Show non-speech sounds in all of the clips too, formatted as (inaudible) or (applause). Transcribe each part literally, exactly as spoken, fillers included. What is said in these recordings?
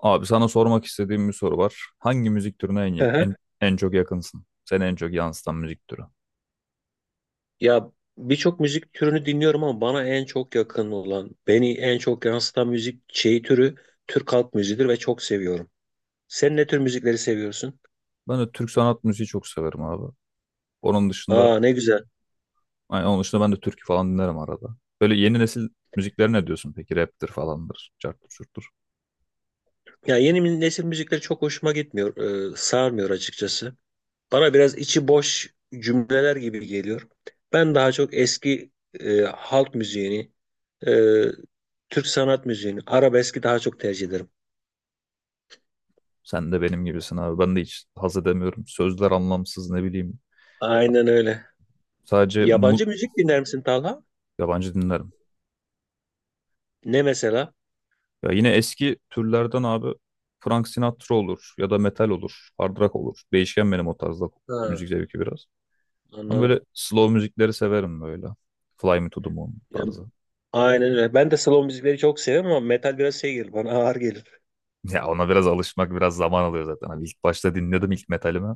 Abi sana sormak istediğim bir soru var. Hangi müzik türüne en, Hı ya- hı. en, en çok yakınsın? Seni en çok yansıtan müzik türü. Ya, birçok müzik türünü dinliyorum ama bana en çok yakın olan, beni en çok yansıtan müzik şeyi türü Türk halk müziğidir ve çok seviyorum. Sen ne tür müzikleri seviyorsun? Ben de Türk sanat müziği çok severim abi. Onun dışında, Aa, ne güzel. yani onun dışında ben de türkü falan dinlerim arada. Böyle yeni nesil müziklere ne diyorsun peki? Rap'tir falandır, carttır çurttur. Ya, yeni nesil müzikleri çok hoşuma gitmiyor, e, sarmıyor açıkçası. Bana biraz içi boş cümleler gibi geliyor. Ben daha çok eski e, halk müziğini, e, Türk sanat müziğini, arabeski daha çok tercih ederim. Sen de benim gibisin abi. Ben de hiç haz edemiyorum. Sözler anlamsız ne bileyim. Aynen öyle. Sadece mu Yabancı müzik dinler misin Talha? yabancı dinlerim. Ne mesela? Ya yine eski türlerden abi Frank Sinatra olur ya da metal olur, hard rock olur. Değişken benim o tarzda Ha, müzik zevki biraz. Ama anladım. böyle slow müzikleri severim böyle. Fly Me to the Moon Ya, tarzı. (laughs) aynen öyle. Ben de slow müzikleri çok seviyorum ama metal biraz şey gelir bana, ağır gelir. Ya ona biraz alışmak biraz zaman alıyor zaten. Hani ilk başta dinledim ilk metalimi.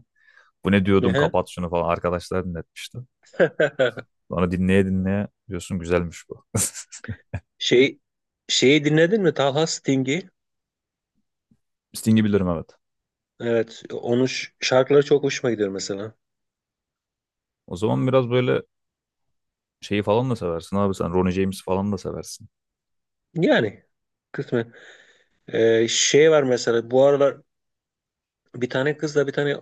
Bu ne diyordum, Ne? kapat şunu falan, arkadaşlar dinletmişti. (laughs) Sonra dinleye dinleye diyorsun güzelmiş bu. Şey şeyi dinledin mi? Talha, Sting'i. (laughs) Sting'i bilirim, evet. Evet, onun ş- şarkıları çok hoşuma gidiyor mesela. O zaman biraz böyle şeyi falan da seversin abi sen. Ronnie James falan da seversin. Yani kısmen. Ee, şey var mesela bu aralar, bir tane kızla bir tane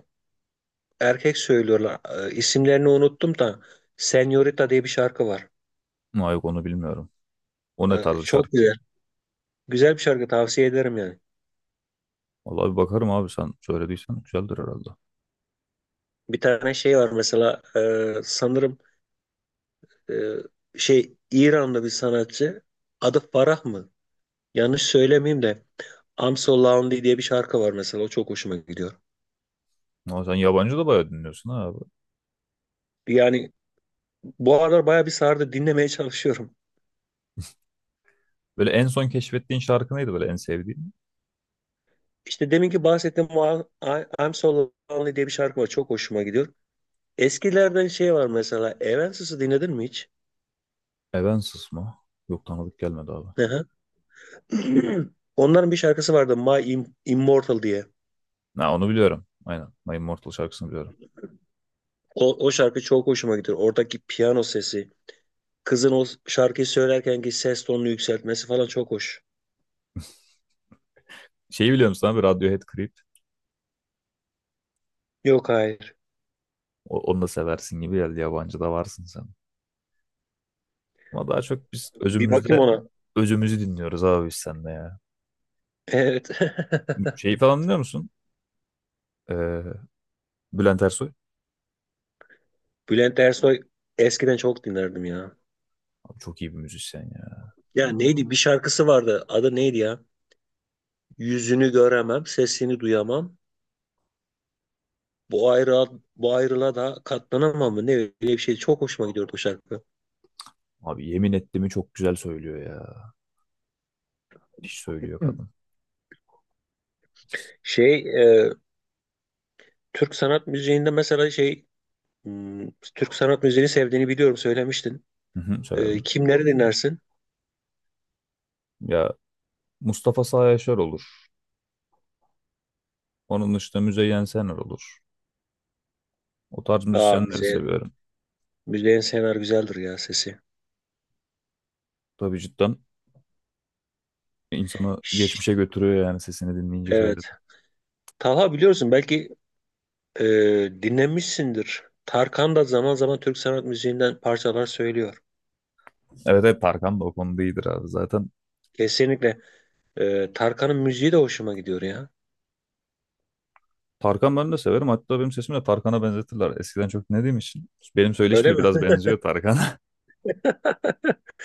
erkek söylüyorlar. Ee, isimlerini unuttum da, Senorita diye bir şarkı var. Ama yok, onu bilmiyorum. O ne Ee, tarz bir çok şarkı? güzel. Güzel bir şarkı, tavsiye ederim yani. Vallahi bir bakarım abi, sen söylediysen güzeldir herhalde. Bir tane şey var mesela, e, sanırım, e, şey, İranlı bir sanatçı. Adı Farah mı? Yanlış söylemeyeyim de, I'm So Lonely diye bir şarkı var mesela. O çok hoşuma gidiyor. Ama sen yabancı da bayağı dinliyorsun ha abi. Yani bu aralar bayağı bir sardı. Dinlemeye çalışıyorum. Böyle en son keşfettiğin şarkı neydi böyle, en sevdiğin? İşte deminki bahsettiğim o I- I'm So Lonely diye bir şarkı var. Çok hoşuma gidiyor. Eskilerden şey var mesela. Evanescence'ı dinledin mi hiç? Evanescence mı? Yok, tanıdık gelmedi abi. Hı hı. (clears throat) Onların bir şarkısı vardı, My Im- Immortal diye. Ha, onu biliyorum. Aynen. My Immortal şarkısını biliyorum. O, o şarkı çok hoşuma gidiyor. Oradaki piyano sesi. Kızın o şarkıyı söylerkenki ses tonunu yükseltmesi falan çok hoş. Şeyi biliyor musun abi? Radiohead Creep. Yok, hayır. O- onu da seversin gibi geldi. Yabancı da varsın sen. Ama daha çok biz Bir bakayım özümüzde ona. özümüzü dinliyoruz abi biz seninle ya. Evet. Şeyi falan biliyor musun? Ee, Bülent Ersoy. (laughs) Bülent Ersoy eskiden çok dinlerdim ya. Abi çok iyi bir müzisyen ya. Ya neydi? Bir şarkısı vardı. Adı neydi ya? Yüzünü göremem, sesini duyamam. Bu ayrılığa, bu ayrılığa da katlanamam mı? Ne öyle bir şey. Çok hoşuma gidiyordu o şarkı. Abi yemin ettiğimi çok güzel söylüyor ya. Hiç söylüyor Hı. kadın. Şey, e, Türk sanat müziğinde mesela şey, hmm, Türk sanat müziğini sevdiğini biliyorum, söylemiştin. Hı hı, Ee, söyledim. kimleri dinlersin? Ya Mustafa Sağ Yaşar olur. Onun dışında Müzeyyen Senar olur. O tarz Aa, müzisyenleri müzeyen. seviyorum. Müzeyen Senar güzeldir ya, sesi. Tabii, cidden İnsanı Şş, geçmişe götürüyor yani sesini dinleyince şöyle. evet. Talha, biliyorsun belki, e, dinlemişsindir. Tarkan da zaman zaman Türk sanat müziğinden parçalar söylüyor. Evet, evet, Tarkan da o konuda iyidir abi. Zaten Kesinlikle. E, Tarkan'ın müziği de hoşuma gidiyor ya. Tarkan ben de severim. Hatta benim sesimi de Tarkan'a benzetirler. Eskiden çok dinlediğim için. Benim söyleşim Öyle de mi? biraz benziyor Tarkan'a.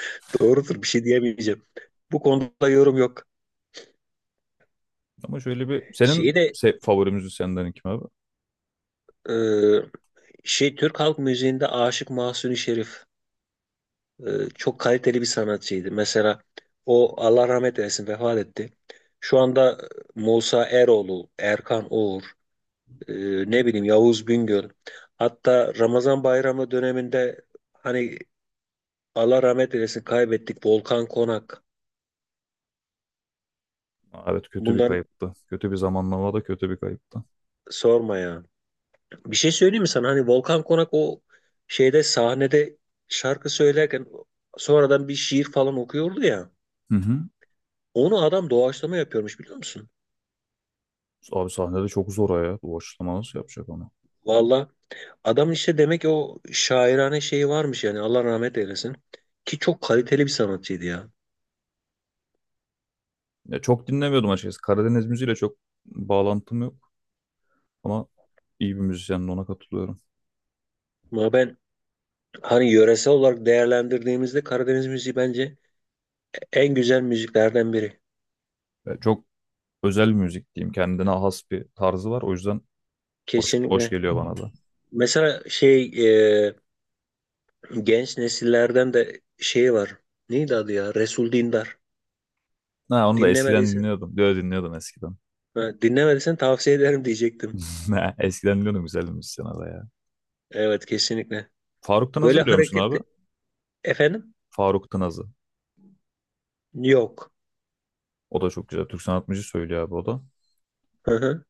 (laughs) Doğrudur, bir şey diyemeyeceğim. Bu konuda yorum yok. (laughs) Ama şöyle bir senin Şeyi de, se favori müzisyenlerin kim abi? e, şey, Türk halk müziğinde Aşık Mahzuni Şerif. e, çok kaliteli bir sanatçıydı. Mesela o, Allah rahmet eylesin, vefat etti. Şu anda e, Musa Eroğlu, Erkan Oğur, e, ne bileyim, Yavuz Bingöl. Hatta Ramazan bayramı döneminde, hani, Allah rahmet eylesin, kaybettik Volkan Konak. Aa, evet, kötü bir Bunları kayıptı. Kötü bir zamanlama da, kötü bir kayıptı. sorma ya. Bir şey söyleyeyim mi sana? Hani Volkan Konak, o şeyde, sahnede şarkı söylerken sonradan bir şiir falan okuyordu ya. Hı hı. Onu adam doğaçlama yapıyormuş, biliyor musun? Abi sahnede çok zor o ya. Bu açıklama nasıl yapacak onu? Vallahi adam işte, demek ki o şairane şeyi varmış yani, Allah rahmet eylesin. Ki çok kaliteli bir sanatçıydı ya. Ya çok dinlemiyordum açıkçası. Karadeniz müziğiyle çok bağlantım yok. Ama iyi bir müzisyenin, ona katılıyorum. Ama ben, hani, yöresel olarak değerlendirdiğimizde Karadeniz müziği bence en güzel müziklerden biri. Ya çok özel müzik diyeyim. Kendine has bir tarzı var. O yüzden hoş, hoş Kesinlikle. geliyor bana da. Mesela şey, e, genç nesillerden de şey var. Neydi adı ya? Resul Dindar. Ha, onu da eskiden Dinlemediysen, dinliyordum. Diyor dinliyordum eskiden. ha, dinlemediysen tavsiye ederim diyecektim. (laughs) Ne, eskiden dinliyordum, güzel bir müzisyen o da ya. Evet, kesinlikle. Faruk Tınaz'ı Böyle biliyor musun abi? hareketli. Efendim? Faruk Tınaz'ı. Yok. O da çok güzel. Türk sanat müziği söylüyor abi o da. Hı hı.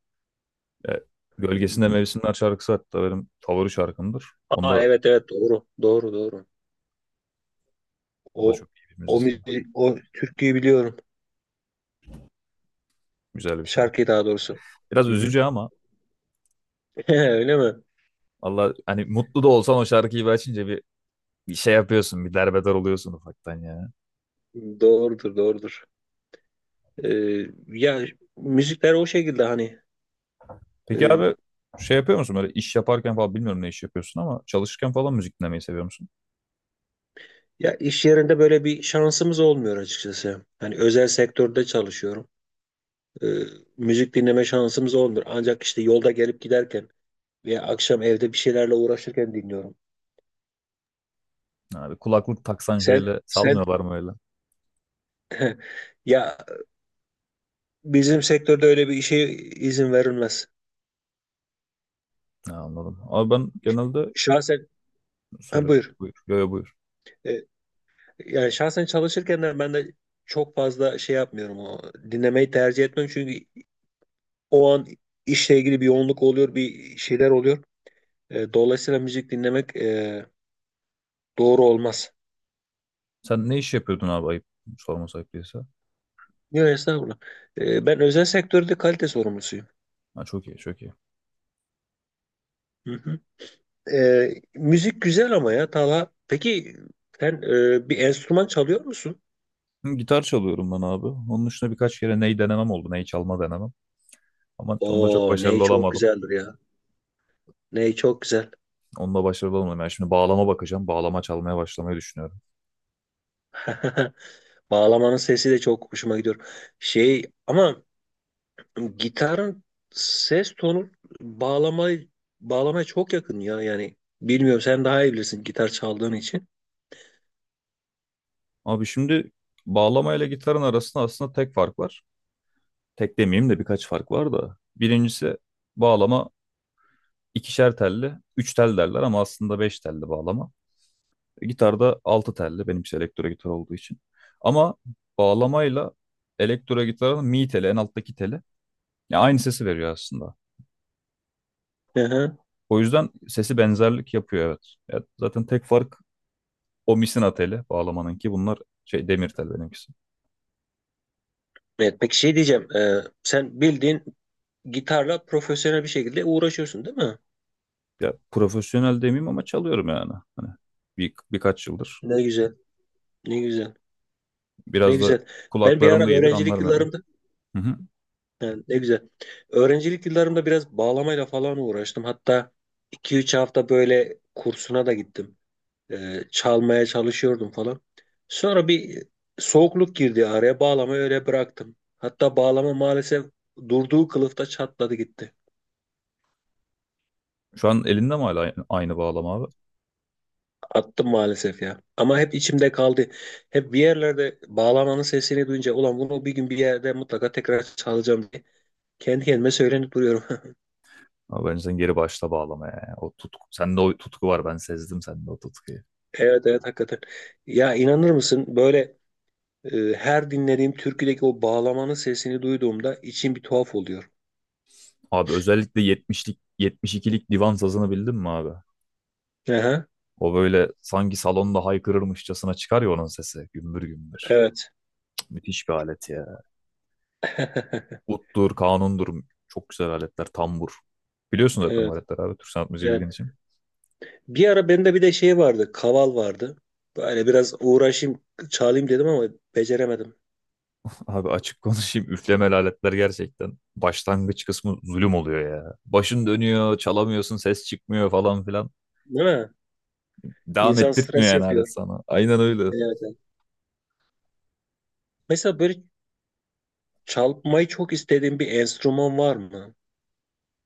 E, Gölgesinde Hmm. Mevsimler şarkısı hatta benim favori şarkımdır. Aa, Onda evet evet, doğru. Doğru doğru. o da O çok iyi bir o müzisyen. müzi- o türküyü biliyorum. Güzel bir şarkı. Şarkıyı daha doğrusu. Biraz Hı hı. üzücü ama (laughs) Öyle mi? Allah hani mutlu da olsan o şarkıyı bir açınca bir, bir şey yapıyorsun. Bir derbeder oluyorsun ufaktan ya. Doğrudur, doğrudur. Ee, ya müzikler o şekilde, hani, Peki e, abi şey yapıyor musun böyle iş yaparken falan, bilmiyorum ne iş yapıyorsun ama çalışırken falan müzik dinlemeyi seviyor musun? ya iş yerinde böyle bir şansımız olmuyor açıkçası. Hani özel sektörde çalışıyorum. Ee, müzik dinleme şansımız olmuyor. Ancak işte yolda gelip giderken veya akşam evde bir şeylerle uğraşırken dinliyorum. Abi kulaklık taksan Sen şöyle sen salmıyorlar mı öyle? (laughs) ya, bizim sektörde öyle bir işe izin verilmez. Ha, anladım. Abi ben genelde Şahsen, ha, söyle buyur. buyur. Yo yo, buyur. Ee, Yani şahsen, çalışırken de ben de çok fazla şey yapmıyorum, o dinlemeyi tercih etmiyorum, çünkü o an işle ilgili bir yoğunluk oluyor, bir şeyler oluyor. E, dolayısıyla müzik dinlemek, e, doğru olmaz. Sen ne iş yapıyordun abi, ayıp sorması ayıp değilse. Yok, estağfurullah. E, ben özel sektörde kalite sorumlusuyum. Ha, çok iyi, çok iyi. Hı hı. E, müzik güzel ama ya Talha. Peki sen, e, bir enstrüman çalıyor musun? Hı, gitar çalıyorum ben abi. Onun dışında birkaç kere ney denemem oldu. Ney çalma denemem. Ama onda çok Oo, ney başarılı çok olamadım. güzeldir ya. Ney çok güzel. Onunla başarılı olamadım. Yani şimdi bağlama bakacağım. Bağlama çalmaya başlamayı düşünüyorum. (laughs) Bağlamanın sesi de çok hoşuma gidiyor. Şey ama, gitarın ses tonu bağlama bağlamaya çok yakın ya yani. Bilmiyorum, sen daha iyi bilirsin gitar çaldığın için. Abi şimdi bağlama ile gitarın arasında aslında tek fark var. Tek demeyeyim de, birkaç fark var da. Birincisi, bağlama ikişer telli, üç tel derler ama aslında beş telli bağlama. E, gitarda altı telli, benimki elektro gitar olduğu için. Ama bağlamayla elektro gitarın mi teli, en alttaki teli ya aynı sesi veriyor aslında. Hı hı. O yüzden sesi benzerlik yapıyor, evet. Ya zaten tek fark o misina teli bağlamanınki, bunlar şey, demir tel benimkisi. Evet, peki şey diyeceğim, Ee, sen bildiğin gitarla profesyonel bir şekilde uğraşıyorsun, değil mi? Ya profesyonel demeyeyim ama çalıyorum yani. Hani bir, birkaç yıldır. Ne güzel, ne güzel, ne Biraz da güzel. Ben bir kulaklarım ara da iyidir, öğrencilik anlarım yani. yıllarımda, Hı hı. yani, ne güzel. Öğrencilik yıllarımda biraz bağlamayla falan uğraştım, hatta iki üç hafta böyle kursuna da gittim. E, çalmaya çalışıyordum falan. Sonra bir soğukluk girdi araya. Bağlamayı öyle bıraktım. Hatta bağlama maalesef durduğu kılıfta çatladı gitti. Şu an elinde mi hala aynı, bağlama abi? Attım maalesef ya. Ama hep içimde kaldı. Hep bir yerlerde bağlamanın sesini duyunca, ulan bunu bir gün bir yerde mutlaka tekrar çalacağım diye kendi kendime söylenip duruyorum. (laughs) Abi bence sen geri başla bağlamaya ya. O tutku, sende o tutku var, ben sezdim sende o tutkuyu. Evet evet, hakikaten. Ya inanır mısın, böyle, e, her dinlediğim türküdeki o bağlamanın sesini duyduğumda içim bir tuhaf oluyor. Abi özellikle yetmişlik yetmiş ikilik divan sazını bildin mi abi? Aha, O böyle sanki salonda haykırırmışçasına çıkar ya, onun sesi gümbür gümbür. evet. Cık, müthiş bir alet ya. (laughs) Uttur, kanundur. Çok güzel aletler. Tambur. Biliyorsun zaten bu Evet. aletler abi. Türk sanat müziği Evet. bildiğin için. Bir ara bende bir de şey vardı. Kaval vardı. Böyle biraz uğraşayım, çalayım dedim ama beceremedim. (laughs) Abi açık konuşayım. Üflemeli aletler gerçekten başlangıç kısmı zulüm oluyor ya. Başın dönüyor, çalamıyorsun, ses çıkmıyor falan filan. Değil mi? Devam İnsan ettirtmiyor stres yani yapıyor. alet sana. Aynen öyle. Evet. Evet. Mesela böyle çalmayı çok istediğin bir enstrüman var mı?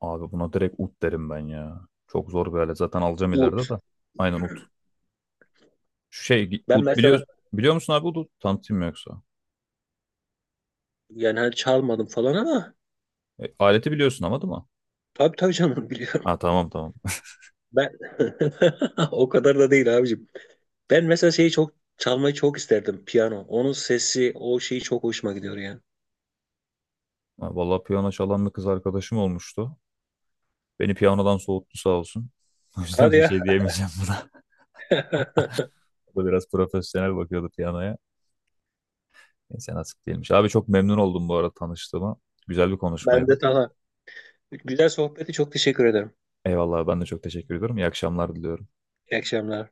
Abi buna direkt ut derim ben ya. Çok zor bir alet. Zaten alacağım ileride Ut. de. Aynen, ut. Şu Şey Ben ut biliyor, mesela, biliyor musun abi ut? Tanıtayım mı yoksa? yani, hani çalmadım falan ama E, aleti biliyorsun ama değil mi? tabii tabii canım, biliyorum. Ha, tamam tamam. (laughs) Ben (laughs) o kadar da değil abicim. Ben mesela şeyi çok çalmayı çok isterdim. Piyano. Onun sesi, o şeyi çok hoşuma gidiyor yani. Ha, vallahi piyano çalan bir kız arkadaşım olmuştu. Beni piyanodan soğuttu sağ olsun. (laughs) O Hadi yüzden bir ya. şey diyemeyeceğim buna. (laughs) (laughs) O da biraz profesyonel bakıyordu piyanoya. Neyse, nasip değilmiş. Abi çok memnun oldum bu arada tanıştığıma. Güzel bir Ben konuşmaydı. de tamam. Güzel sohbeti çok teşekkür ederim. Eyvallah, ben de çok teşekkür ediyorum. İyi akşamlar diliyorum. İyi akşamlar.